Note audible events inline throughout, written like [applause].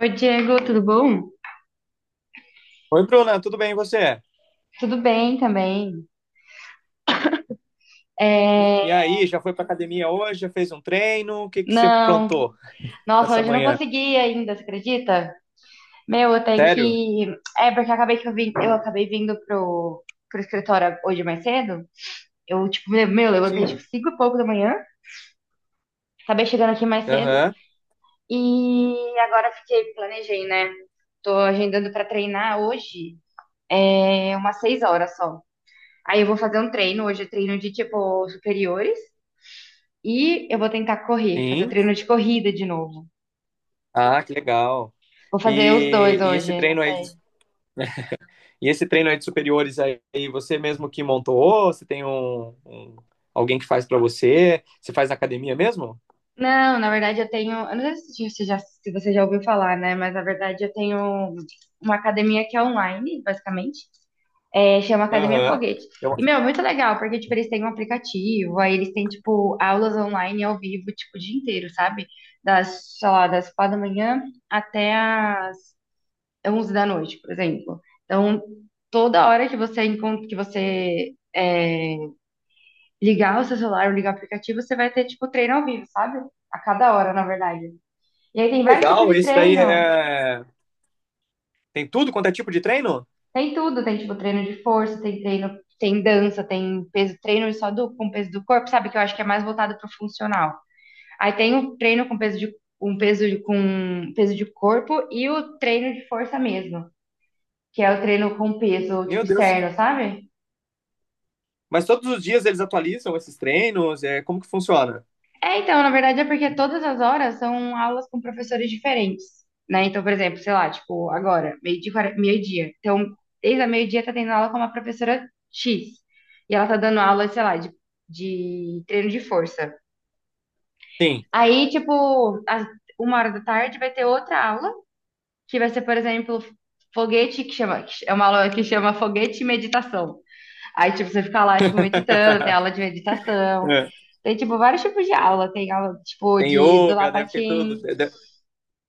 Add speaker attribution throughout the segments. Speaker 1: Oi, Diego, tudo bom?
Speaker 2: Oi, Bruna, tudo bem e você?
Speaker 1: Tudo bem também. É,
Speaker 2: E aí, já foi pra academia hoje? Já fez um treino? O que que você
Speaker 1: Não,
Speaker 2: aprontou
Speaker 1: nossa,
Speaker 2: essa
Speaker 1: hoje eu não
Speaker 2: manhã?
Speaker 1: consegui ainda, você acredita? Meu, eu tenho
Speaker 2: Sério?
Speaker 1: que. Porque eu acabei que eu vim, eu acabei vindo pro escritório hoje mais cedo. Eu, tipo, meu, levantei tipo
Speaker 2: Sim.
Speaker 1: 5 e pouco da manhã, acabei chegando aqui mais cedo
Speaker 2: Aham.
Speaker 1: e agora fiquei, planejei, né? Tô agendando pra treinar hoje, é umas 6 horas só. Aí eu vou fazer um treino, hoje eu treino de tipo superiores. E eu vou tentar correr, fazer o
Speaker 2: Sim.
Speaker 1: treino de corrida de novo.
Speaker 2: Ah, que legal.
Speaker 1: Vou fazer os dois
Speaker 2: E esse
Speaker 1: hoje, não
Speaker 2: treino aí,
Speaker 1: sei.
Speaker 2: e esse treino aí de superiores aí, você mesmo que montou? Você tem alguém que faz pra você? Você faz na academia mesmo?
Speaker 1: Não, na verdade eu tenho. Eu não sei se você já ouviu falar, né? Mas na verdade eu tenho uma academia que é online, basicamente. É, chama Academia
Speaker 2: Aham.
Speaker 1: Foguete. E,
Speaker 2: Eu-
Speaker 1: meu, é muito legal, porque, tipo, eles têm um aplicativo, aí eles têm, tipo, aulas online ao vivo, tipo, o dia inteiro, sabe? Das, sei lá, das 4 da manhã até a 11 da noite, por exemplo. Então, toda hora que você ligar o seu celular ou ligar o aplicativo, você vai ter, tipo, treino ao vivo, sabe? A cada hora, na verdade. E aí
Speaker 2: Que
Speaker 1: tem vários tipos
Speaker 2: legal,
Speaker 1: de
Speaker 2: esse daí
Speaker 1: treino.
Speaker 2: é... Tem tudo quanto é tipo de treino?
Speaker 1: Tem tudo, tem, tipo, treino de força, tem treino, tem dança, tem peso, treino só do, com peso do corpo, sabe? Que eu acho que é mais voltado pro funcional. Aí tem o treino com peso de, com peso de corpo e o treino de força mesmo, que é o treino com peso, tipo,
Speaker 2: Meu Deus.
Speaker 1: externo, sabe?
Speaker 2: Mas todos os dias eles atualizam esses treinos? É, como que funciona?
Speaker 1: É, então, na verdade é porque todas as horas são aulas com professores diferentes, né? Então, por exemplo, sei lá, tipo, agora, meio-dia. Então, desde a meio-dia tá tendo aula com uma professora X. E ela tá dando aula, sei lá, de treino de força.
Speaker 2: Sim.
Speaker 1: Aí, tipo, às 1 hora da tarde vai ter outra aula, que vai ser, por exemplo, foguete, que chama, que é uma aula que chama foguete e meditação. Aí, tipo, você fica lá, tipo, meditando, tem aula de meditação,
Speaker 2: É.
Speaker 1: tem, tipo, vários tipos de aula. Tem aula, tipo,
Speaker 2: Tem
Speaker 1: de do
Speaker 2: yoga, deve ter
Speaker 1: lapatim.
Speaker 2: tudo. Deve,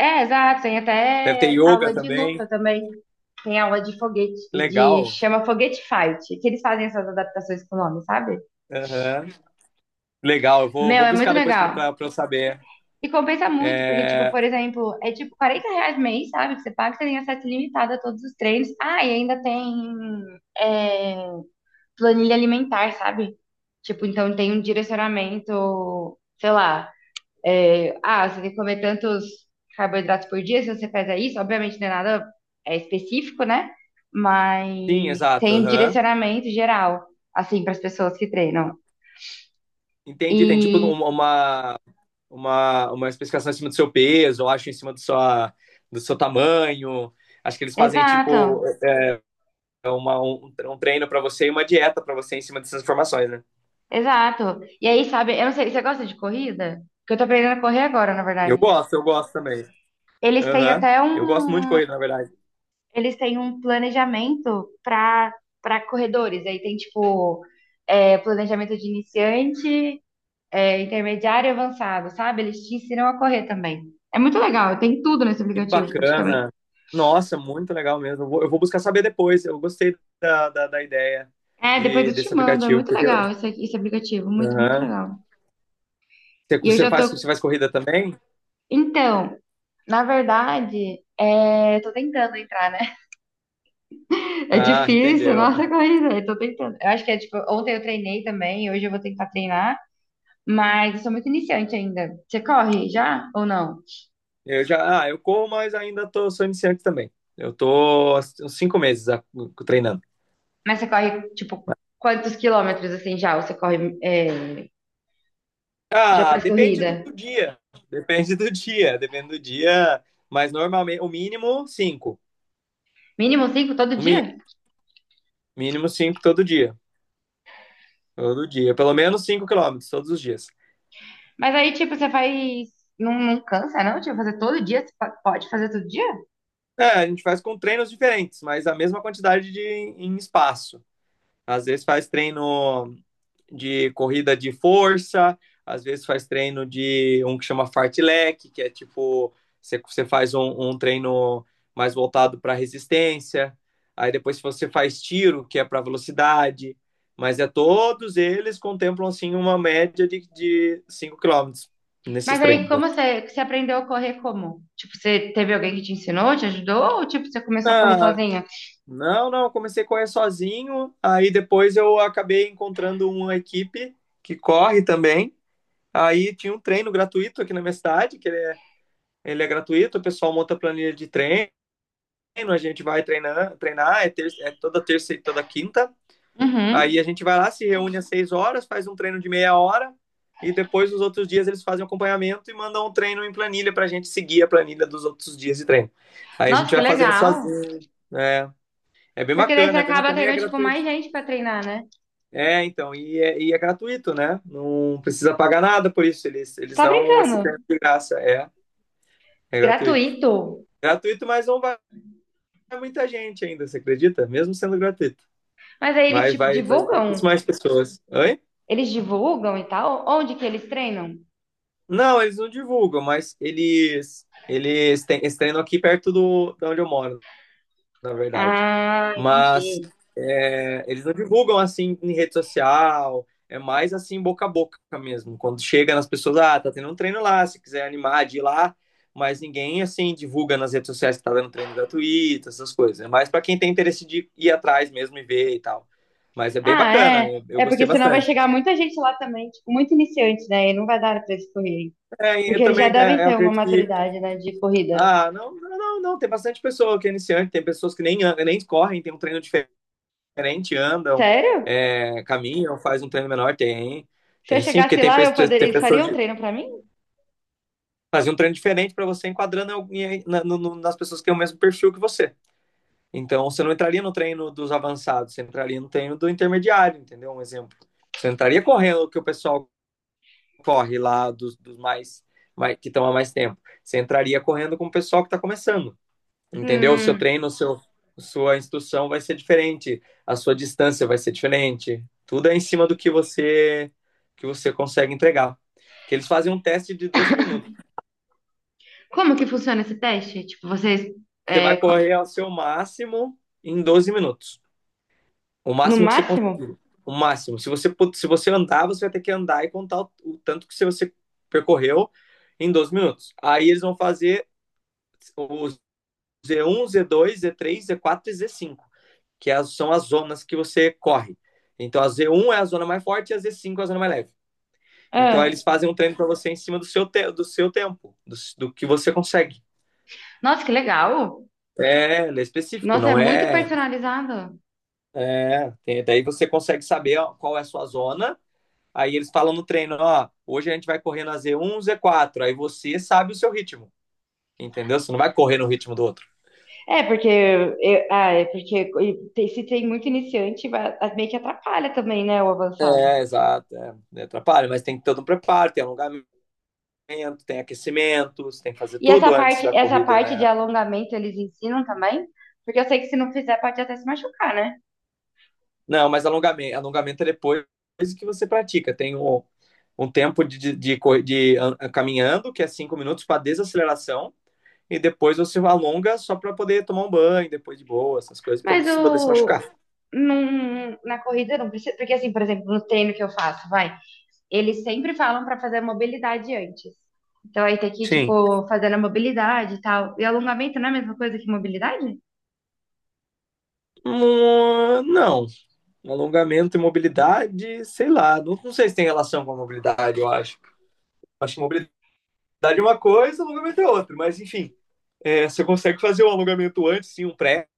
Speaker 1: É, exato, tem
Speaker 2: deve ter
Speaker 1: até
Speaker 2: yoga
Speaker 1: aula de
Speaker 2: também.
Speaker 1: luta também. Tem aula de foguete, de
Speaker 2: Legal.
Speaker 1: chama Foguete Fight, que eles fazem essas adaptações com o nome, sabe?
Speaker 2: Aham. Legal, eu vou,
Speaker 1: Meu,
Speaker 2: vou
Speaker 1: é muito
Speaker 2: buscar depois
Speaker 1: legal.
Speaker 2: para eu saber.
Speaker 1: E compensa muito, porque, tipo,
Speaker 2: É,
Speaker 1: por exemplo, é tipo 40 reais mês, sabe? Que você paga, você tem acesso ilimitado a todos os treinos. Ah, e ainda tem é, planilha alimentar, sabe? Tipo, então tem um direcionamento, sei lá, ah, você tem que comer tantos carboidratos por dia, se você fizer isso, obviamente não é nada específico, né? Mas
Speaker 2: sim, exato,
Speaker 1: tem um
Speaker 2: aham.
Speaker 1: direcionamento geral, assim, para as pessoas que treinam.
Speaker 2: Entendi. Tem tipo
Speaker 1: E,
Speaker 2: uma especificação em cima do seu peso, eu acho, em cima do, sua, do seu tamanho. Acho que eles fazem
Speaker 1: exato,
Speaker 2: tipo é uma, um treino para você e uma dieta para você em cima dessas informações, né?
Speaker 1: exato. E aí, sabe, eu não sei, você gosta de corrida? Porque eu tô aprendendo a correr agora, na verdade.
Speaker 2: Eu gosto também.
Speaker 1: Eles têm
Speaker 2: Aham.
Speaker 1: até um
Speaker 2: Eu gosto muito de corrida, na verdade.
Speaker 1: eles têm um planejamento para corredores. Aí tem tipo planejamento de iniciante, intermediário e avançado, sabe? Eles te ensinam a correr também. É muito legal, tem tudo nesse
Speaker 2: Que
Speaker 1: aplicativo, praticamente.
Speaker 2: bacana. Nossa, muito legal mesmo. Eu vou buscar saber depois. Eu gostei da ideia
Speaker 1: É, depois
Speaker 2: de,
Speaker 1: eu te
Speaker 2: desse
Speaker 1: mando, é
Speaker 2: aplicativo,
Speaker 1: muito
Speaker 2: porque...
Speaker 1: legal esse aplicativo, muito, muito
Speaker 2: Aham.
Speaker 1: legal. E eu já tô.
Speaker 2: Você faz corrida também?
Speaker 1: Então, na verdade, é... eu tô tentando entrar, né? [laughs] É
Speaker 2: Ah,
Speaker 1: difícil,
Speaker 2: entendeu.
Speaker 1: nossa corrida, eu tô tentando. Eu acho que é tipo, ontem eu treinei também, hoje eu vou tentar treinar. Mas eu sou muito iniciante ainda. Você corre já ou não?
Speaker 2: Eu já, ah, eu corro, mas ainda tô, sou iniciante também. Eu tô há uns 5 meses, treinando.
Speaker 1: Mas você corre, tipo, quantos quilômetros assim já? Ou você corre, é, já
Speaker 2: Ah,
Speaker 1: faz
Speaker 2: depende do
Speaker 1: corrida?
Speaker 2: dia. Depende do dia, depende do dia. Mas normalmente, o mínimo, cinco.
Speaker 1: Mínimo cinco todo
Speaker 2: O mínimo,
Speaker 1: dia?
Speaker 2: mínimo cinco todo dia. Todo dia. Pelo menos 5 quilômetros, todos os dias.
Speaker 1: Mas aí, tipo, você faz. Não, não cansa, não? Tipo, fazer todo dia? Pode fazer todo dia?
Speaker 2: É, a gente faz com treinos diferentes, mas a mesma quantidade de em espaço. Às vezes faz treino de corrida de força, às vezes faz treino de um que chama fartlek, que é tipo, você faz um treino mais voltado para resistência. Aí depois você faz tiro, que é para velocidade. Mas é todos eles contemplam assim uma média de 5 km nesses
Speaker 1: Mas aí,
Speaker 2: treinos.
Speaker 1: você aprendeu a correr como? Tipo, você teve alguém que te ensinou, te ajudou? Ou, tipo, você começou a correr
Speaker 2: Ah,
Speaker 1: sozinha?
Speaker 2: não, não, eu comecei a correr sozinho, aí depois eu acabei encontrando uma equipe que corre também. Aí tinha um treino gratuito aqui na minha cidade, que ele é gratuito, o pessoal monta a planilha de treino, a gente vai treinar, treinar é, é toda terça e toda quinta. Aí
Speaker 1: Uhum.
Speaker 2: a gente vai lá, se reúne às 6 horas, faz um treino de meia hora, e depois os outros dias eles fazem acompanhamento e mandam um treino em planilha pra gente seguir a planilha dos outros dias de treino. Aí a
Speaker 1: Nossa,
Speaker 2: gente
Speaker 1: que
Speaker 2: vai fazendo
Speaker 1: legal.
Speaker 2: sozinho. É,
Speaker 1: Porque daí você
Speaker 2: é bem
Speaker 1: acaba
Speaker 2: bacana e é
Speaker 1: tendo, tipo, mais
Speaker 2: gratuito.
Speaker 1: gente pra treinar, né?
Speaker 2: É, então, e é gratuito, né? Não precisa pagar nada por isso. Eles,
Speaker 1: Você
Speaker 2: eles
Speaker 1: tá
Speaker 2: dão esse
Speaker 1: brincando?
Speaker 2: prêmio de graça. É, é gratuito.
Speaker 1: Gratuito?
Speaker 2: Gratuito, mas não vai muita gente ainda, você acredita? Mesmo sendo gratuito.
Speaker 1: Mas aí eles,
Speaker 2: Vai,
Speaker 1: tipo,
Speaker 2: vai, vai
Speaker 1: divulgam?
Speaker 2: pouquíssimas pessoas. Oi?
Speaker 1: Eles divulgam e tal? Onde que eles treinam?
Speaker 2: Não, eles não divulgam, mas eles treinam aqui perto do, de onde eu moro na verdade.
Speaker 1: Ah,
Speaker 2: Mas
Speaker 1: entendi.
Speaker 2: é, eles não divulgam assim em rede social, é mais assim boca a boca mesmo. Quando chega nas pessoas, ah, tá tendo um treino lá, se quiser animar de ir lá, mas ninguém assim divulga nas redes sociais que tá dando treino gratuito, essas coisas. É mais para quem tem interesse de ir atrás mesmo e ver e tal. Mas é bem
Speaker 1: Ah,
Speaker 2: bacana,
Speaker 1: é.
Speaker 2: eu
Speaker 1: É porque
Speaker 2: gostei
Speaker 1: senão vai
Speaker 2: bastante.
Speaker 1: chegar muita gente lá também, tipo, muito iniciante, né? E não vai dar pra eles correrem.
Speaker 2: É,
Speaker 1: Porque
Speaker 2: eu
Speaker 1: eles já
Speaker 2: também
Speaker 1: devem
Speaker 2: é, eu
Speaker 1: ter uma
Speaker 2: acredito que...
Speaker 1: maturidade, né, de corrida.
Speaker 2: Ah, não, não, não, não, tem bastante pessoa que é iniciante, tem pessoas que nem, nem correm, tem um treino diferente, andam,
Speaker 1: Sério?
Speaker 2: é, caminham, fazem um treino menor. Tem,
Speaker 1: Se eu
Speaker 2: tem sim, porque
Speaker 1: chegasse
Speaker 2: tem,
Speaker 1: lá, eu poderia...
Speaker 2: tem
Speaker 1: eles
Speaker 2: pessoas
Speaker 1: fariam um
Speaker 2: de
Speaker 1: treino pra mim?
Speaker 2: fazer um treino diferente para você enquadrando nas pessoas que têm o mesmo perfil que você. Então, você não entraria no treino dos avançados, você entraria no treino do intermediário, entendeu? Um exemplo. Você não entraria correndo o que o pessoal corre lá dos mais, mais que estão há mais tempo. Você entraria correndo com o pessoal que está começando. Entendeu? O seu
Speaker 1: Hum.
Speaker 2: treino, o seu, sua instrução vai ser diferente, a sua distância vai ser diferente. Tudo é em cima do que você consegue entregar. Que eles fazem um teste de 12 minutos.
Speaker 1: Como que funciona esse teste? Tipo, vocês.
Speaker 2: Você
Speaker 1: é,
Speaker 2: vai
Speaker 1: co-
Speaker 2: correr ao seu máximo em 12 minutos. O
Speaker 1: no
Speaker 2: máximo que você consegue,
Speaker 1: máximo?
Speaker 2: o máximo. Se você andar, você vai ter que andar e contar o tanto que você percorreu em 12 minutos. Aí eles vão fazer o Z1, Z2, Z3, Z4 e Z5, que as, são as zonas que você corre. Então a Z1 é a zona mais forte e a Z5 é a zona mais leve. Então aí
Speaker 1: Ah.
Speaker 2: eles fazem um treino para você em cima do seu tempo, do que você consegue.
Speaker 1: Nossa, que legal!
Speaker 2: É, ele é específico,
Speaker 1: Nossa, é
Speaker 2: não
Speaker 1: muito
Speaker 2: é,
Speaker 1: personalizado.
Speaker 2: é. Daí você consegue saber, ó, qual é a sua zona. Aí eles falam no treino, ó, hoje a gente vai correr na Z1, Z4. Aí você sabe o seu ritmo, entendeu? Você não vai correr no ritmo do outro.
Speaker 1: É, porque eu- ah, é se tem muito iniciante, meio que atrapalha também, né, o avançado.
Speaker 2: É, exato. É, atrapalha, mas tem todo um preparo, tem alongamento, tem aquecimento, você tem que fazer
Speaker 1: E
Speaker 2: tudo antes da
Speaker 1: essa
Speaker 2: corrida,
Speaker 1: parte de
Speaker 2: né?
Speaker 1: alongamento eles ensinam também? Porque eu sei que se não fizer pode até se machucar, né?
Speaker 2: Não, mas alongamento é depois que você pratica. Tem um tempo de, co- de an- caminhando, que é 5 minutos para desaceleração, e depois você alonga só para poder tomar um banho, depois de boa, essas coisas, para
Speaker 1: Mas
Speaker 2: poder se
Speaker 1: o
Speaker 2: machucar.
Speaker 1: na corrida não precisa, porque assim, por exemplo, no treino que eu faço, vai, eles sempre falam pra fazer a mobilidade antes. Então aí tem que,
Speaker 2: Sim.
Speaker 1: tipo, fazendo a mobilidade e tal. E alongamento não é a mesma coisa que mobilidade?
Speaker 2: Hum. Não, alongamento e mobilidade, sei lá, não, não sei se tem relação com a mobilidade, eu acho. Acho que mobilidade é uma coisa, alongamento é outra, mas enfim, é, você consegue fazer um alongamento antes, sim, um pré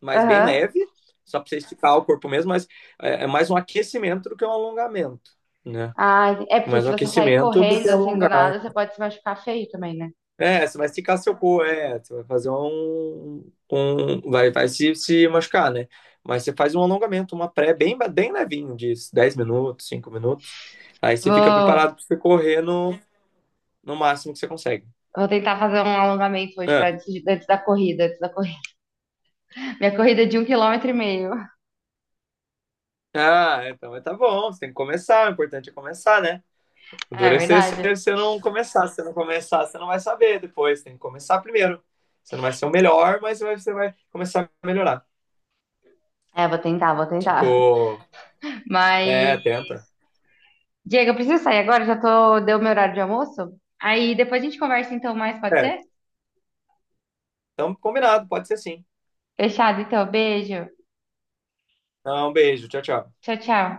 Speaker 2: mas bem
Speaker 1: Aham.
Speaker 2: leve, só para você esticar o corpo mesmo, mas é mais um aquecimento do que um alongamento, né?
Speaker 1: Ah, é porque
Speaker 2: Mais
Speaker 1: se
Speaker 2: um
Speaker 1: você sair
Speaker 2: aquecimento do
Speaker 1: correndo
Speaker 2: que
Speaker 1: assim do
Speaker 2: alongar.
Speaker 1: nada, você pode se machucar feio também, né?
Speaker 2: É, você vai esticar seu corpo, é, você vai fazer um vai se machucar, né? Mas você faz um alongamento, uma pré bem, bem levinho, de 10 minutos, 5 minutos. Aí você fica
Speaker 1: Vou,
Speaker 2: preparado para você correr no, no máximo que você consegue.
Speaker 1: vou tentar fazer um alongamento hoje para
Speaker 2: Ah,
Speaker 1: antes, antes da corrida, antes da corrida. [laughs] Minha corrida é de 1 quilômetro e meio.
Speaker 2: ah, então tá bom, você tem que começar, o importante é começar, né?
Speaker 1: É
Speaker 2: Endurecer se
Speaker 1: verdade.
Speaker 2: você não começar. Se você não começar, você não vai saber depois. Tem que começar primeiro. Você não vai ser o melhor, mas você vai começar a melhorar.
Speaker 1: É, vou tentar, vou
Speaker 2: Tipo,
Speaker 1: tentar.
Speaker 2: é,
Speaker 1: Mas,
Speaker 2: tenta.
Speaker 1: Diego, eu preciso sair agora, já tô, deu meu horário de almoço. Aí depois a gente conversa então mais, pode
Speaker 2: É,
Speaker 1: ser?
Speaker 2: então combinado, pode ser sim.
Speaker 1: Fechado, então, beijo.
Speaker 2: Então, um beijo, tchau, tchau.
Speaker 1: Tchau, tchau.